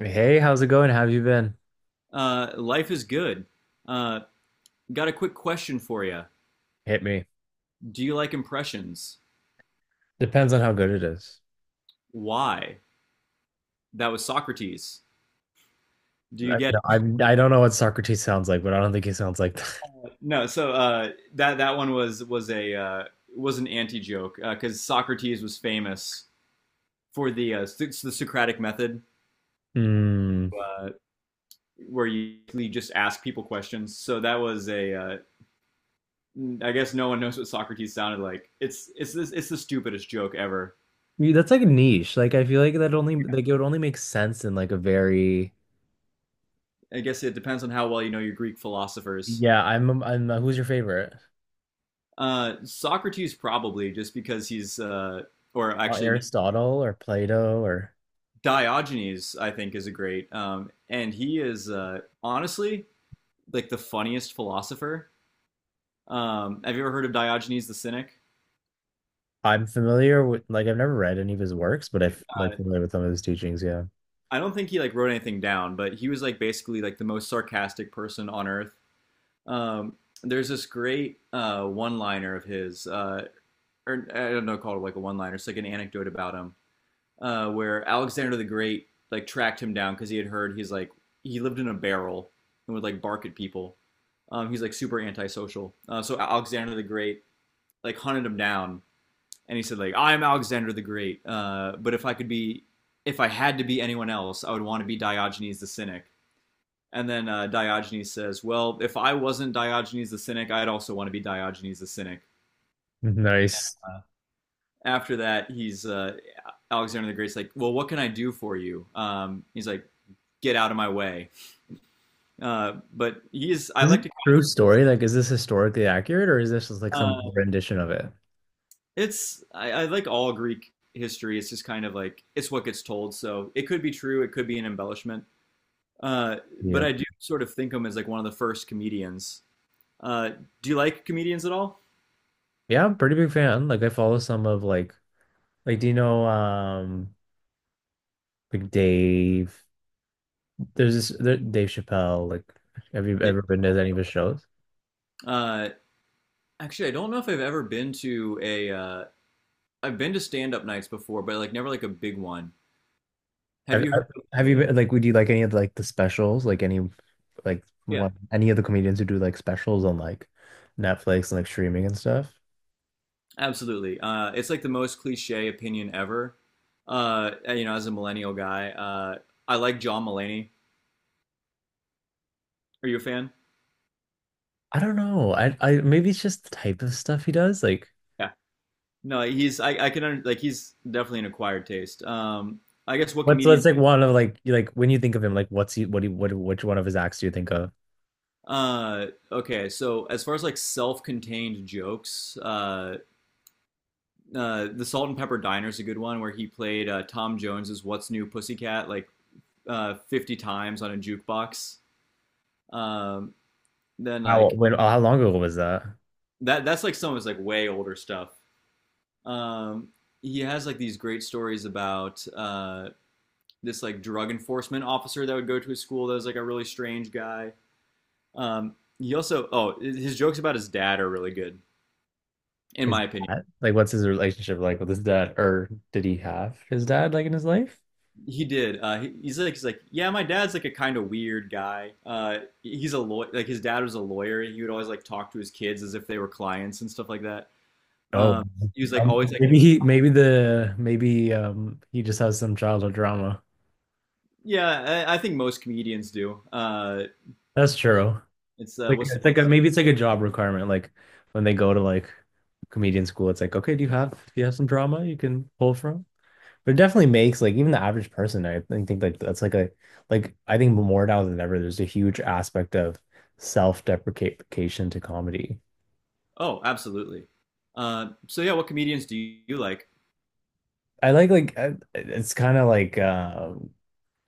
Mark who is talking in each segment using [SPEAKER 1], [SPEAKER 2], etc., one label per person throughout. [SPEAKER 1] Hey, how's it going? How have you been?
[SPEAKER 2] Life is good. Uh, got a quick question for you.
[SPEAKER 1] Hit me.
[SPEAKER 2] Do you like impressions?
[SPEAKER 1] Depends on how good it is.
[SPEAKER 2] Why? That was Socrates. Do you
[SPEAKER 1] I,
[SPEAKER 2] get
[SPEAKER 1] I'm, I don't know what Socrates sounds like, but I don't think he sounds like that.
[SPEAKER 2] it? No. So that one was a was an anti joke because Socrates was famous for the Socratic method,
[SPEAKER 1] Hmm.
[SPEAKER 2] uh, where you just ask people questions. So that was a. I guess no one knows what Socrates sounded like. It's the stupidest joke ever.
[SPEAKER 1] Yeah, that's like a niche. Like I feel like that only like it would only make sense in like a very
[SPEAKER 2] I guess it depends on how well you know your Greek philosophers.
[SPEAKER 1] yeah. I'm who's your favorite?
[SPEAKER 2] Socrates probably just because he's or actually no,
[SPEAKER 1] Aristotle or Plato or
[SPEAKER 2] Diogenes I think is a great and he is honestly like the funniest philosopher. Have you ever heard of Diogenes the Cynic?
[SPEAKER 1] I'm familiar with like I've never read any of his works, but I've like
[SPEAKER 2] Uh,
[SPEAKER 1] familiar with some of his teachings. Yeah.
[SPEAKER 2] I don't think he like wrote anything down, but he was like basically like the most sarcastic person on earth. Um, there's this great one-liner of his, or I don't know, called like a one-liner. It's like an anecdote about him where Alexander the Great like tracked him down because he had heard he's like he lived in a barrel and would like bark at people. He's like super antisocial. So Alexander the Great like hunted him down and he said like I'm Alexander the Great, but if I could be if I had to be anyone else, I would want to be Diogenes the Cynic. And then Diogenes says, "Well, if I wasn't Diogenes the Cynic, I'd also want to be Diogenes the Cynic."
[SPEAKER 1] Nice.
[SPEAKER 2] After that, he's Alexander the Great's like, "Well, what can I do for you?" He's like, get out of my way. But he's I
[SPEAKER 1] This is a
[SPEAKER 2] like to
[SPEAKER 1] true story. Like, is this historically accurate or is this just like some
[SPEAKER 2] uh,
[SPEAKER 1] rendition of it?
[SPEAKER 2] it's I like all Greek history. It's just kind of like it's what gets told. So it could be true. It could be an embellishment. Uh, but
[SPEAKER 1] Yeah.
[SPEAKER 2] I do sort of think him as like one of the first comedians. Uh, do you like comedians at all?
[SPEAKER 1] Yeah, I'm pretty big fan. Like I follow some of like do you know like Dave there's this Dave Chappelle like have you ever been to any of his shows?
[SPEAKER 2] Uh, Actually, I don't know if I've ever been to a. I've been to stand up nights before, but like never like a big one. Have
[SPEAKER 1] Have,
[SPEAKER 2] you
[SPEAKER 1] have
[SPEAKER 2] heard?
[SPEAKER 1] have
[SPEAKER 2] Of
[SPEAKER 1] you been like would you like any of like the specials like any like
[SPEAKER 2] Yeah.
[SPEAKER 1] one any of the comedians who do like specials on like Netflix and like streaming and stuff?
[SPEAKER 2] Absolutely. It's like the most cliche opinion ever. Uh, you know, as a millennial guy, I like John Mulaney. Are you a fan?
[SPEAKER 1] I don't know. I maybe it's just the type of stuff he does. Like
[SPEAKER 2] Yeah. No, he's I can under, like he's definitely an acquired taste. I guess what
[SPEAKER 1] what's
[SPEAKER 2] comedian?
[SPEAKER 1] what's like one of like you- like when you think of him like what's he what which one of his acts do you think of?
[SPEAKER 2] Okay, so as far as like self-contained jokes, the Salt and Pepper Diner is a good one where he played Tom Jones's "What's New, Pussycat" like 50 times on a jukebox. Um, then
[SPEAKER 1] How
[SPEAKER 2] like
[SPEAKER 1] when how long ago was that?
[SPEAKER 2] that's like some of his like way older stuff. Um, he has like these great stories about this like drug enforcement officer that would go to his school that was like a really strange guy. He also oh his jokes about his dad are really good in
[SPEAKER 1] His
[SPEAKER 2] my opinion.
[SPEAKER 1] dad? Like, what's his relationship like with his dad? Or did he have his dad like in his life?
[SPEAKER 2] He did. He, he's like yeah, my dad's like a kind of weird guy. He's a lawyer. Like his dad was a lawyer. He would always like talk to his kids as if they were clients and stuff like that.
[SPEAKER 1] Oh,
[SPEAKER 2] Um, he was like always like
[SPEAKER 1] maybe he, maybe the, maybe he just has some childhood drama.
[SPEAKER 2] yeah. I think most comedians do.
[SPEAKER 1] That's true.
[SPEAKER 2] It's
[SPEAKER 1] Like,
[SPEAKER 2] what's the
[SPEAKER 1] it's
[SPEAKER 2] one
[SPEAKER 1] like a, maybe it's like a job requirement. Like, when they go to like comedian school, it's like, okay, do you have some drama you can pull from? But it definitely makes like even the average person, I think like that's like a, like I think more now than ever, there's a huge aspect of self-deprecation to comedy.
[SPEAKER 2] oh, absolutely. So yeah, what comedians do you like?
[SPEAKER 1] I like it's kind of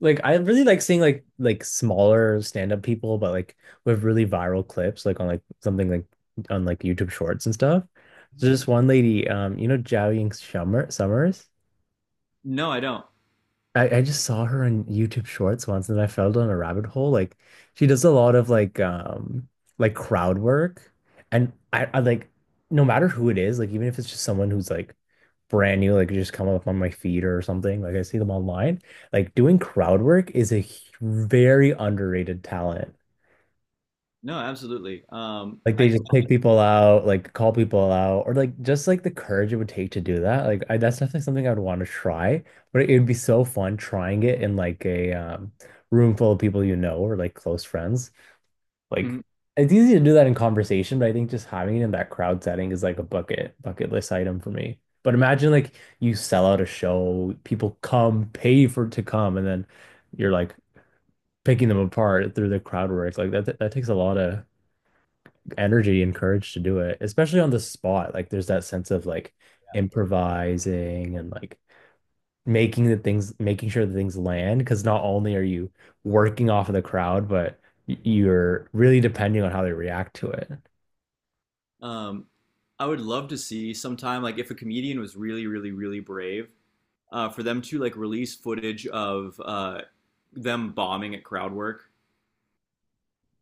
[SPEAKER 1] like I really like seeing like smaller stand-up people but like with really viral clips like on like something like on like YouTube Shorts and stuff. There's this one lady you know Zhao Ying Summers.
[SPEAKER 2] No, I don't.
[SPEAKER 1] I just saw her on YouTube Shorts once and I fell down a rabbit hole. Like she does a lot of like crowd work and I like no matter who it is like even if it's just someone who's like brand new, like just come up on my feed or something. Like I see them online. Like doing crowd work is very underrated talent.
[SPEAKER 2] No, absolutely.
[SPEAKER 1] Like they
[SPEAKER 2] I
[SPEAKER 1] just pick people out, like call people out, or like just like the courage it would take to do that. That's definitely something I would want to try, but it would be so fun trying it in like a room full of people you know or like close friends. Like
[SPEAKER 2] mhm.
[SPEAKER 1] it's easy to do that in conversation, but I think just having it in that crowd setting is like a bucket list item for me. But imagine like you sell out a show, people come, pay for to come, and then you're like picking them apart through the crowd work. Like that takes a lot of energy and courage to do it, especially on the spot. Like there's that sense of like improvising and like making the things, making sure the things land. Because not only are you working off of the crowd, but you're really depending on how they react to it.
[SPEAKER 2] um, I would love to see sometime like if a comedian was really, really, really brave, for them to like release footage of them bombing at crowd work.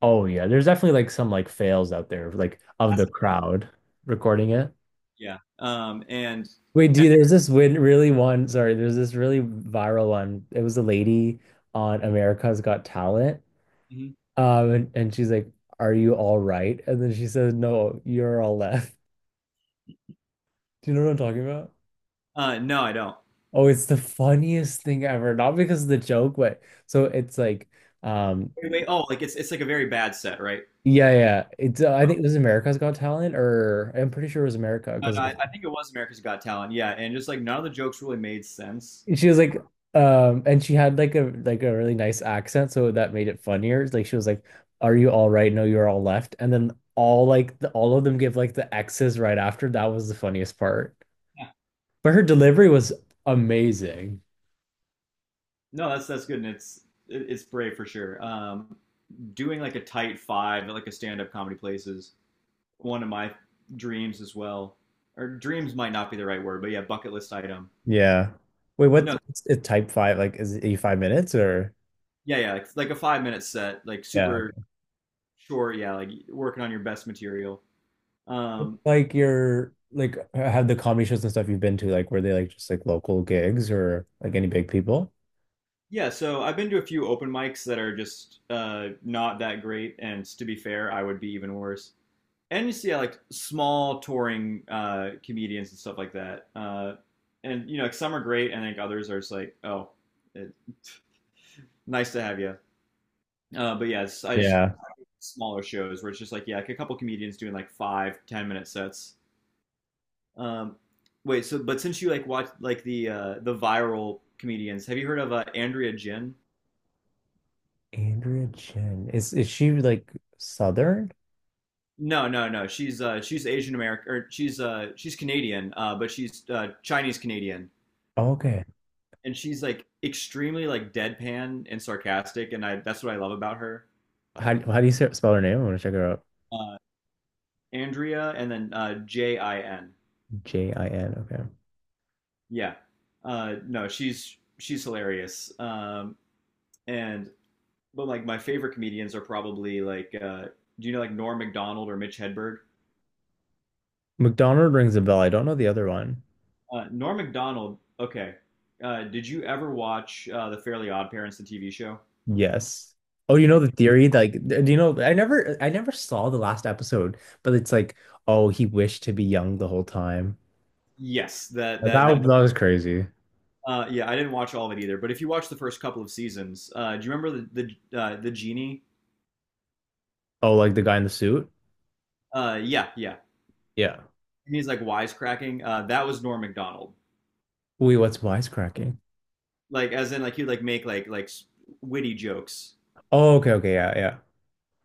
[SPEAKER 1] Oh yeah, there's definitely like some like fails out there, like of the crowd recording it.
[SPEAKER 2] Yeah. And
[SPEAKER 1] Wait, there's this really viral one. It was a lady on America's Got Talent.
[SPEAKER 2] mhm.
[SPEAKER 1] And she's like, are you all right? And then she says, no, you're all left. Do you know what I'm talking about?
[SPEAKER 2] No, I don't.
[SPEAKER 1] Oh, it's the funniest thing ever. Not because of the joke, but so it's like, um,
[SPEAKER 2] Wait, wait, oh, like it's like a very bad set, right?
[SPEAKER 1] yeah, yeah. It's I think it was America's Got Talent, or I'm pretty sure it was America
[SPEAKER 2] No, no,
[SPEAKER 1] because
[SPEAKER 2] I think it was America's Got Talent. Yeah, and just like none of the jokes really made sense.
[SPEAKER 1] she was like and she had like a really nice accent so that made it funnier like she was like are you all right no you're all left and then all like all of them give like the X's right after that was the funniest part but her delivery was amazing.
[SPEAKER 2] No, that's good, and it's it's brave for sure. Doing like a tight five at like a stand-up comedy place is one of my dreams as well. Or dreams might not be the right word, but yeah, bucket list item.
[SPEAKER 1] Yeah. Wait,
[SPEAKER 2] But
[SPEAKER 1] what's
[SPEAKER 2] no,
[SPEAKER 1] it type five like is it 5 minutes or
[SPEAKER 2] yeah, yeah, like a five-minute set, like
[SPEAKER 1] yeah.
[SPEAKER 2] super short. Yeah, like working on your best material.
[SPEAKER 1] What's,
[SPEAKER 2] Um,
[SPEAKER 1] like your like have the comedy shows and stuff you've been to like were they like just like local gigs or like any big people
[SPEAKER 2] yeah, so I've been to a few open mics that are just not that great, and to be fair, I would be even worse. And you see like small touring comedians and stuff like that. And you know, like, some are great, and I think others are just like, oh, it, nice to have you. But yeah, it's, I just
[SPEAKER 1] yeah.
[SPEAKER 2] smaller shows where it's just like yeah, like a couple comedians doing like five, 10 minute sets. Um, Wait, so but since you like watch like the viral comedians, have you heard of Andrea Jin?
[SPEAKER 1] Andrea Jen. Is she like Southern?
[SPEAKER 2] No, no, no. She's Asian American, or she's Canadian, but she's Chinese Canadian.
[SPEAKER 1] Oh, okay.
[SPEAKER 2] And she's like extremely like deadpan and sarcastic, and I that's what I love about her.
[SPEAKER 1] How do you say- spell her name? I want to check her out.
[SPEAKER 2] Uh, Andrea, and then Jin.
[SPEAKER 1] Jin. Okay.
[SPEAKER 2] Yeah, no, she's hilarious. And but like my favorite comedians are probably like do you know like Norm Macdonald or Mitch Hedberg?
[SPEAKER 1] McDonald rings a bell. I don't know the other one.
[SPEAKER 2] Norm Macdonald. Okay, did you ever watch the Fairly Odd Parents, the TV show?
[SPEAKER 1] Yes. Oh, you know the theory? Like, do you know? I never saw the last episode, but it's like, oh, he wished to be young the whole time.
[SPEAKER 2] Yes, that that
[SPEAKER 1] That was crazy.
[SPEAKER 2] Yeah, I didn't watch all of it either. But if you watch the first couple of seasons, do you remember the genie?
[SPEAKER 1] Oh, like the guy in the suit?
[SPEAKER 2] Yeah, yeah.
[SPEAKER 1] Yeah.
[SPEAKER 2] And he's like wisecracking. That was Norm Macdonald.
[SPEAKER 1] Wait, what's wisecracking?
[SPEAKER 2] Like, as in, like he'd like make like witty jokes.
[SPEAKER 1] Oh, okay, okay, yeah, yeah.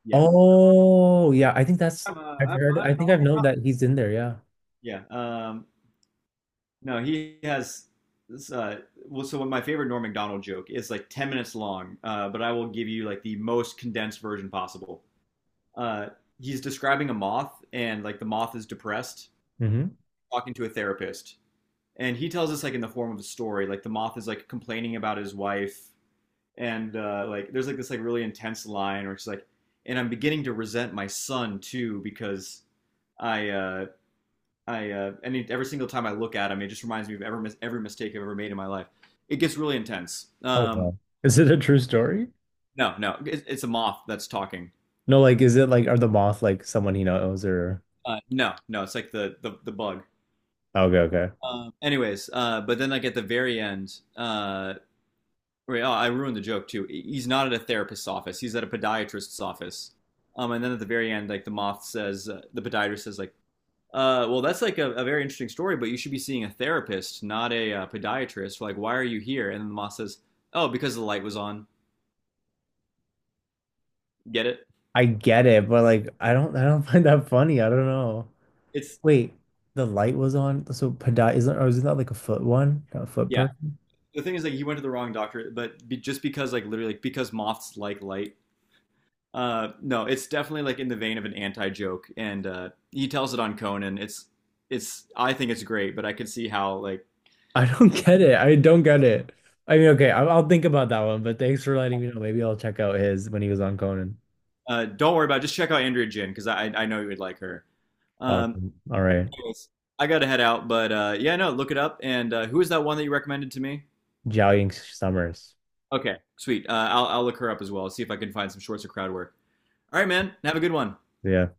[SPEAKER 2] Yeah,
[SPEAKER 1] Oh, yeah. I think that's I've heard. I think I've
[SPEAKER 2] I'm
[SPEAKER 1] known
[SPEAKER 2] not-
[SPEAKER 1] that he's in there. Yeah.
[SPEAKER 2] yeah. No, he has. This, well, so my favorite Norm Macdonald joke is like 10 minutes long, but I will give you like the most condensed version possible. Uh, he's describing a moth, and like the moth is depressed,
[SPEAKER 1] Hmm.
[SPEAKER 2] talking to a therapist, and he tells us like in the form of a story like the moth is like complaining about his wife and like there's like this like really intense line where she's like and I'm beginning to resent my son too because I uh I any every single time I look at him it just reminds me of every mistake I've ever made in my life. It gets really intense
[SPEAKER 1] Oh wow. Is it a true story?
[SPEAKER 2] no it, it's a moth that's talking.
[SPEAKER 1] No, like is it like are the moth like someone he knows or
[SPEAKER 2] No, no, it's like the bug.
[SPEAKER 1] okay, okay.
[SPEAKER 2] Anyways, but then like at the very end wait, oh, I ruined the joke too. He's not at a therapist's office. He's at a podiatrist's office. And then at the very end, like the moth says, the podiatrist says, like, well, that's like a very interesting story, but you should be seeing a therapist, not a podiatrist. Like, why are you here? And then the moth says, oh, because the light was on. Get it?
[SPEAKER 1] I get it, but like I don't find that funny. I don't know.
[SPEAKER 2] It's
[SPEAKER 1] Wait, the light was on, so Padai isn't or isn't that like a foot one? A foot
[SPEAKER 2] yeah.
[SPEAKER 1] person?
[SPEAKER 2] The thing is, like, he went to the wrong doctor, but be, just because, like, literally, like, because moths like light. No, it's definitely like in the vein of an anti joke, and he tells it on Conan. It's I think it's great, but I could see how like
[SPEAKER 1] I don't get it. I mean, okay, I'll think about that one, but thanks for letting me know. Maybe I'll check out his when he was on Conan.
[SPEAKER 2] Don't worry about it. Just check out Andrea Jin because I know you would like her. Um,
[SPEAKER 1] Awesome. All right.
[SPEAKER 2] Anyways, I got to head out, but yeah, no, look it up. And who is that one that you recommended to me?
[SPEAKER 1] Jiao Ying Summers.
[SPEAKER 2] Okay, sweet. I'll look her up as well. See if I can find some shorts or crowd work. All right, man. Have a good one.
[SPEAKER 1] Yeah.